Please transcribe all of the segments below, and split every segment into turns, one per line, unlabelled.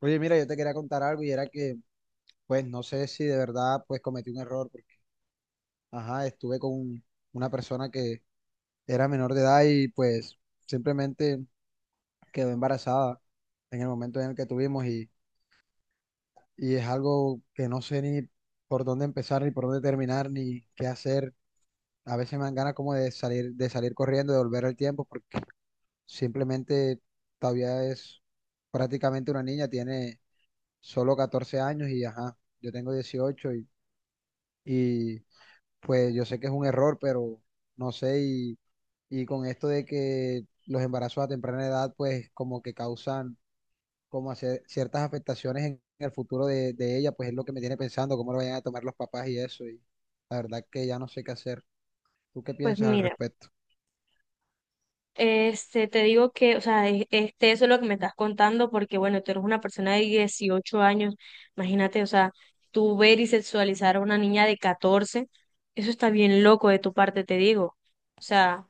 Oye, mira, yo te quería contar algo y era que, pues, no sé si de verdad, pues, cometí un error porque, ajá, estuve con una persona que era menor de edad y, pues, simplemente quedó embarazada en el momento en el que tuvimos y es algo que no sé ni por dónde empezar, ni por dónde terminar, ni qué hacer. A veces me dan ganas como de salir corriendo, de volver al tiempo porque simplemente todavía es prácticamente una niña, tiene solo 14 años y, ajá, yo tengo 18 Y pues yo sé que es un error, pero no sé, y con esto de que los embarazos a temprana edad, pues como que causan como hacer ciertas afectaciones en el futuro de ella, pues es lo que me tiene pensando cómo lo vayan a tomar los papás y eso, y la verdad que ya no sé qué hacer. ¿Tú qué
Pues
piensas al
mira,
respecto?
este, te digo que, o sea, este, eso es lo que me estás contando, porque bueno, tú eres una persona de 18 años, imagínate, o sea, tú ver y sexualizar a una niña de 14, eso está bien loco de tu parte, te digo. O sea,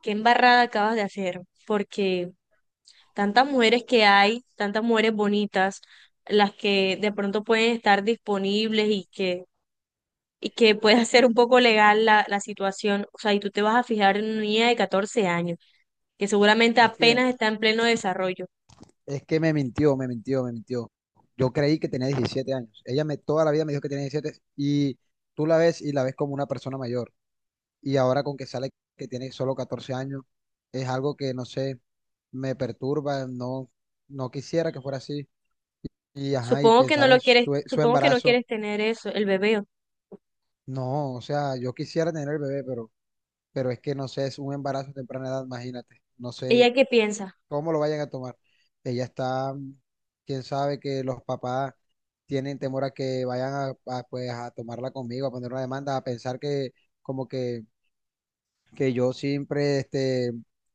qué embarrada acabas de hacer, porque tantas mujeres que hay, tantas mujeres bonitas, las que de pronto pueden estar disponibles y que pueda ser un poco legal la situación, o sea, y tú te vas a fijar en una niña de 14 años, que seguramente
Es que,
apenas está en pleno desarrollo.
es que me mintió, me mintió, me mintió. Yo creí que tenía 17 años. Ella me, toda la vida me dijo que tenía 17 y tú la ves y la ves como una persona mayor. Y ahora con que sale que tiene solo 14 años, es algo que no sé, me perturba, no, no quisiera que fuera así. Y ajá, y
Supongo que no
pensar
lo
en
quieres,
su
supongo que no
embarazo,
quieres tener eso, el bebé.
no, o sea, yo quisiera tener el bebé, pero es que no sé, es un embarazo a temprana edad, imagínate, no sé
¿Ella qué piensa?
cómo lo vayan a tomar. Ella está, quién sabe. Que los papás tienen temor a que vayan pues, a tomarla conmigo, a poner una demanda, a pensar que como que yo siempre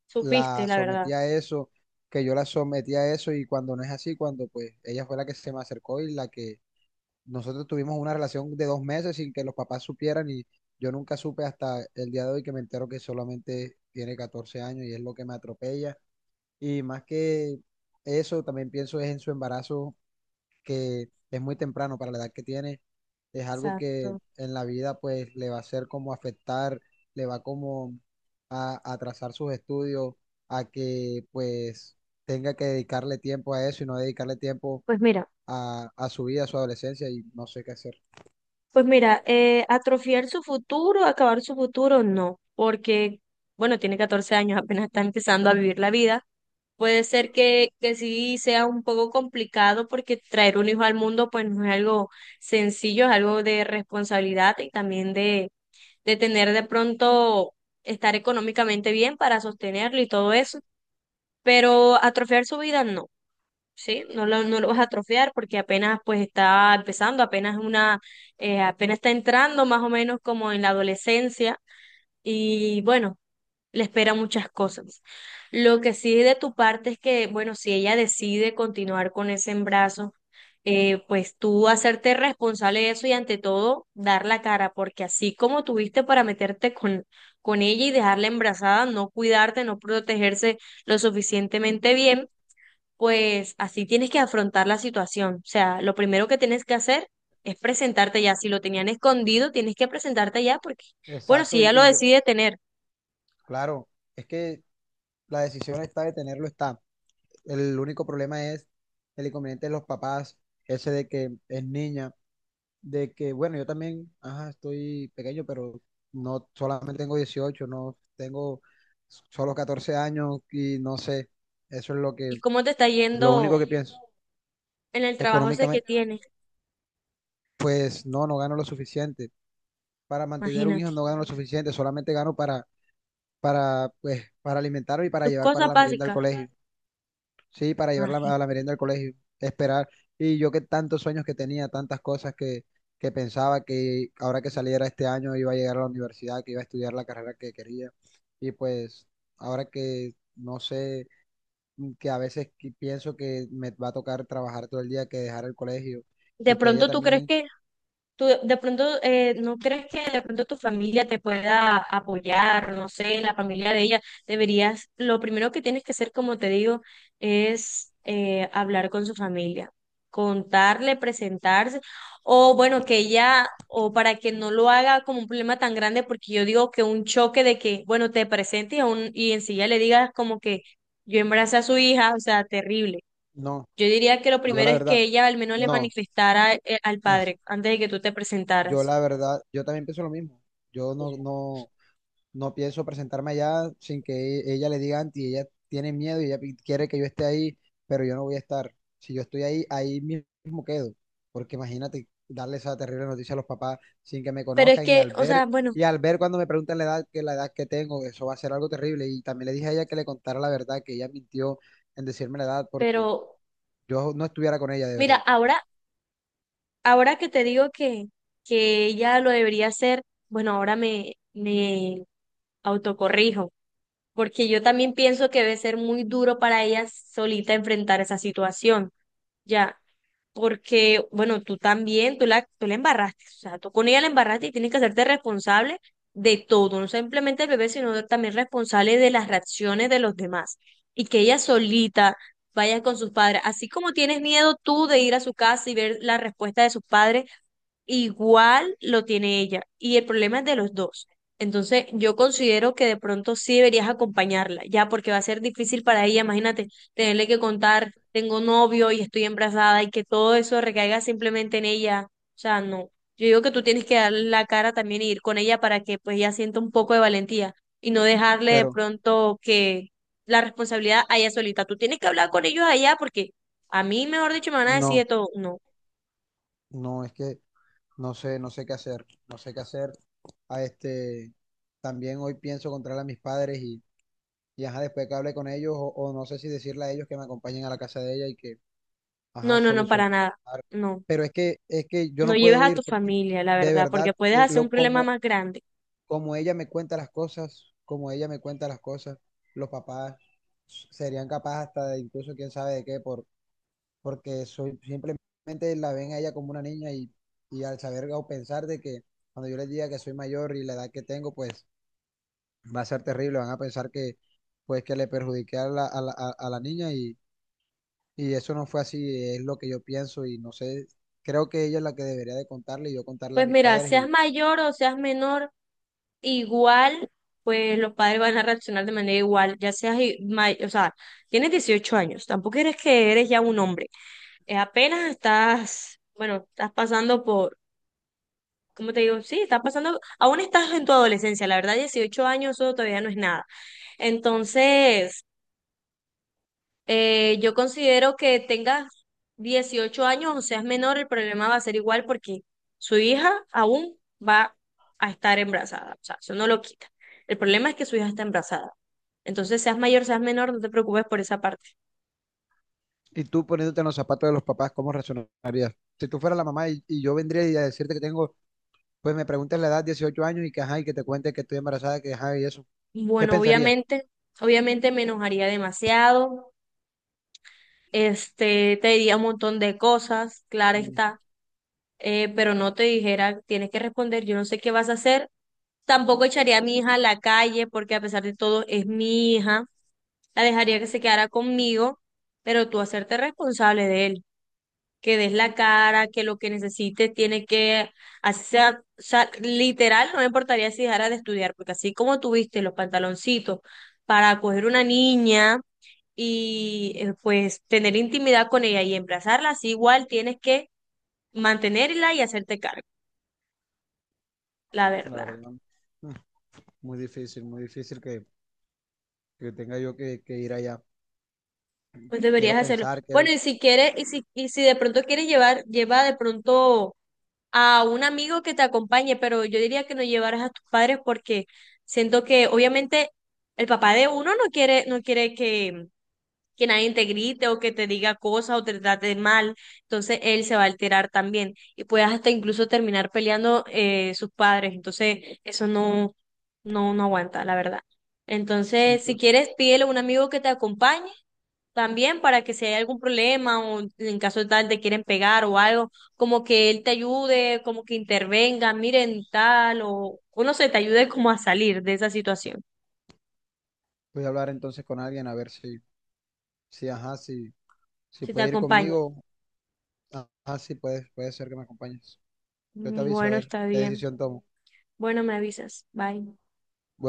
Supiste,
la
la verdad.
sometí a eso, que yo la sometí a eso y cuando no es así, cuando pues ella fue la que se me acercó y la que nosotros tuvimos una relación de 2 meses sin que los papás supieran y yo nunca supe hasta el día de hoy que me entero que solamente tiene 14 años y es lo que me atropella. Y más que eso, también pienso es en su embarazo, que es muy temprano para la edad que tiene, es algo que
Exacto.
en la vida pues le va a hacer como afectar, le va como a atrasar sus estudios, a que pues tenga que dedicarle tiempo a eso y no dedicarle tiempo
Pues mira,
a su vida, a su adolescencia y no sé qué hacer.
pues mira, atrofiar su futuro, acabar su futuro, no, porque, bueno, tiene 14 años, apenas está empezando a vivir la vida. Puede ser que sí sea un poco complicado porque traer un hijo al mundo pues no es algo sencillo, es algo de responsabilidad y también de tener de pronto estar económicamente bien para sostenerlo y todo eso, pero atrofiar su vida no, ¿sí? No lo vas a atrofiar porque apenas pues está empezando, apenas una, apenas está entrando más o menos como en la adolescencia y bueno, le espera muchas cosas. Lo que sí de tu parte es que, bueno, si ella decide continuar con ese embarazo, pues tú hacerte responsable de eso y ante todo dar la cara, porque así como tuviste para meterte con ella y dejarla embarazada, no cuidarte, no protegerse lo suficientemente bien, pues así tienes que afrontar la situación. O sea, lo primero que tienes que hacer es presentarte ya. Si lo tenían escondido, tienes que presentarte ya porque, bueno, si
Exacto,
ella lo
y yo,
decide tener.
claro, es que la decisión está de tenerlo, está. El único problema es el inconveniente de los papás, ese de que es niña, de que, bueno, yo también, ajá, estoy pequeño, pero no, solamente tengo 18, no tengo solo 14 años y no sé, eso es lo que,
¿Y cómo te está
lo único
yendo
que pienso.
en el trabajo ese que
Económicamente,
tienes?
pues no, no gano lo suficiente. Para mantener un
Imagínate.
hijo no gano lo suficiente, solamente gano pues, para alimentarme y para
Tus
llevar para
cosas
la merienda al
básicas.
colegio. Sí, para llevarla a
Imagínate.
la merienda del colegio, esperar. Y yo que tantos sueños que tenía, tantas cosas que pensaba que ahora que saliera este año iba a llegar a la universidad, que iba a estudiar la carrera que quería. Y pues ahora que no sé, que a veces que pienso que me va a tocar trabajar todo el día, que dejar el colegio
De
y que ella
pronto tú crees
también,
que. ¿Tú de pronto, no crees que de pronto tu familia te pueda apoyar? No sé, la familia de ella deberías, lo primero que tienes que hacer, como te digo, es hablar con su familia, contarle, presentarse, o bueno, que ella, o para que no lo haga como un problema tan grande, porque yo digo que un choque de que, bueno, te presentes y, y enseguida le digas como que yo embaracé a su hija, o sea, terrible.
no,
Yo diría que lo
yo
primero
la
es
verdad,
que ella al menos le
no,
manifestara al
es-
padre antes de que tú te
yo
presentaras.
la verdad, yo también pienso lo mismo. Yo no, no, no pienso presentarme allá sin que ella le diga antes y ella tiene miedo y ella quiere que yo esté ahí, pero yo no voy a estar. Si yo estoy ahí, ahí mismo quedo, porque imagínate darle esa terrible noticia a los papás sin que me
Pero es
conozcan
que, o sea, bueno,
y al ver cuando me preguntan la edad que tengo, eso va a ser algo terrible. Y también le dije a ella que le contara la verdad, que ella mintió en decirme la edad porque
pero
yo no estuviera con ella de
mira,
verdad,
ahora, ahora que te digo que ella lo debería hacer, bueno, ahora me autocorrijo, porque yo también pienso que debe ser muy duro para ella solita enfrentar esa situación. Ya, porque, bueno, tú también, tú la embarraste, o sea, tú con ella la embarraste y tienes que hacerte responsable de todo, no simplemente el bebé, sino también responsable de las reacciones de los demás. Y que ella solita vaya con sus padres, así como tienes miedo tú de ir a su casa y ver la respuesta de sus padres, igual lo tiene ella y el problema es de los dos. Entonces, yo considero que de pronto sí deberías acompañarla, ya porque va a ser difícil para ella, imagínate, tenerle que contar, tengo novio y estoy embarazada y que todo eso recaiga simplemente en ella. O sea, no. Yo digo que tú tienes que darle la cara también y ir con ella para que pues ella sienta un poco de valentía y no dejarle de
pero
pronto que la responsabilidad a ella solita. Tú tienes que hablar con ellos allá porque a mí, mejor dicho, me van a decir
no,
de todo. No,
no, es que no sé, no sé qué hacer, no sé qué hacer. A también hoy pienso encontrar a mis padres y ajá, después que hable con ellos, o no sé si decirle a ellos que me acompañen a la casa de ella y que,
no,
ajá,
no, no, para
solucionar.
nada. No.
Pero es que yo
No
no
lleves
puedo
a tu
ir porque
familia, la
de
verdad, porque
verdad,
puedes hacer un
lo,
problema
como,
más grande.
como ella me cuenta las cosas, como ella me cuenta las cosas, los papás serían capaces hasta de incluso quién sabe de qué por, porque soy, simplemente la ven a ella como una niña y al saber o pensar de que cuando yo les diga que soy mayor y la edad que tengo, pues va a ser terrible, van a pensar que pues que le perjudiqué a la, a la, a la niña y eso no fue así, es lo que yo pienso y no sé, creo que ella es la que debería de contarle y yo contarle a
Pues
mis
mira,
padres
seas
y,
mayor o seas menor, igual, pues los padres van a reaccionar de manera igual, ya seas, o sea, tienes 18 años, tampoco eres que eres ya un hombre. Apenas estás, bueno, estás pasando por, ¿cómo te digo? Sí, estás pasando, aún estás en tu adolescencia, la verdad, 18 años eso todavía no es nada. Entonces, eh, yo considero que tengas 18 años o seas menor, el problema va a ser igual porque su hija aún va a estar embarazada. O sea, eso no lo quita. El problema es que su hija está embarazada. Entonces, seas mayor, seas menor, no te preocupes por esa parte.
y tú poniéndote en los zapatos de los papás, ¿cómo reaccionarías? Si tú fueras la mamá y yo vendría y a decirte que tengo, pues me preguntas la edad, 18 años y que ajá, y que te cuente que estoy embarazada, que ajá, y eso, ¿qué
Bueno,
pensarías?
obviamente, obviamente me enojaría demasiado. Este, te diría un montón de cosas, claro está, pero no te dijera, tienes que responder, yo no sé qué vas a hacer. Tampoco echaría a mi hija a la calle porque a pesar de todo es mi hija. La dejaría que se quedara conmigo, pero tú hacerte responsable de él, que des la cara, que lo que necesite tiene que hacer, o sea, literal, no me importaría si dejara de estudiar, porque así como tuviste los pantaloncitos para coger una niña y pues tener intimidad con ella y emplazarla, así igual tienes que mantenerla y hacerte cargo, la
La
verdad.
verdad, mm, muy difícil que, tenga yo que ir allá.
Pues deberías
Quiero
hacerlo.
pensar,
Bueno,
quiero,
y si quieres, y si de pronto quieres llevar, lleva de pronto a un amigo que te acompañe, pero yo diría que no llevaras a tus padres porque siento que obviamente el papá de uno no quiere, no quiere que nadie te grite o que te diga cosas o te trate mal, entonces él se va a alterar también y puedes hasta incluso terminar peleando sus padres, entonces eso no, no, no aguanta, la verdad.
sí,
Entonces, si quieres, pídele a un amigo que te acompañe también para que si hay algún problema o en caso de tal te quieren pegar o algo, como que él te ayude, como que intervenga, miren tal o uno se te ayude como a salir de esa situación,
voy a hablar entonces con alguien a ver si, si, ajá, si, si,
si te
puede ir
acompaña.
conmigo, ajá, si puede ser que me acompañes. Yo te
Mm,
aviso a
bueno,
ver
está
qué
bien.
decisión tomo.
Bueno, me avisas. Bye.
Bueno.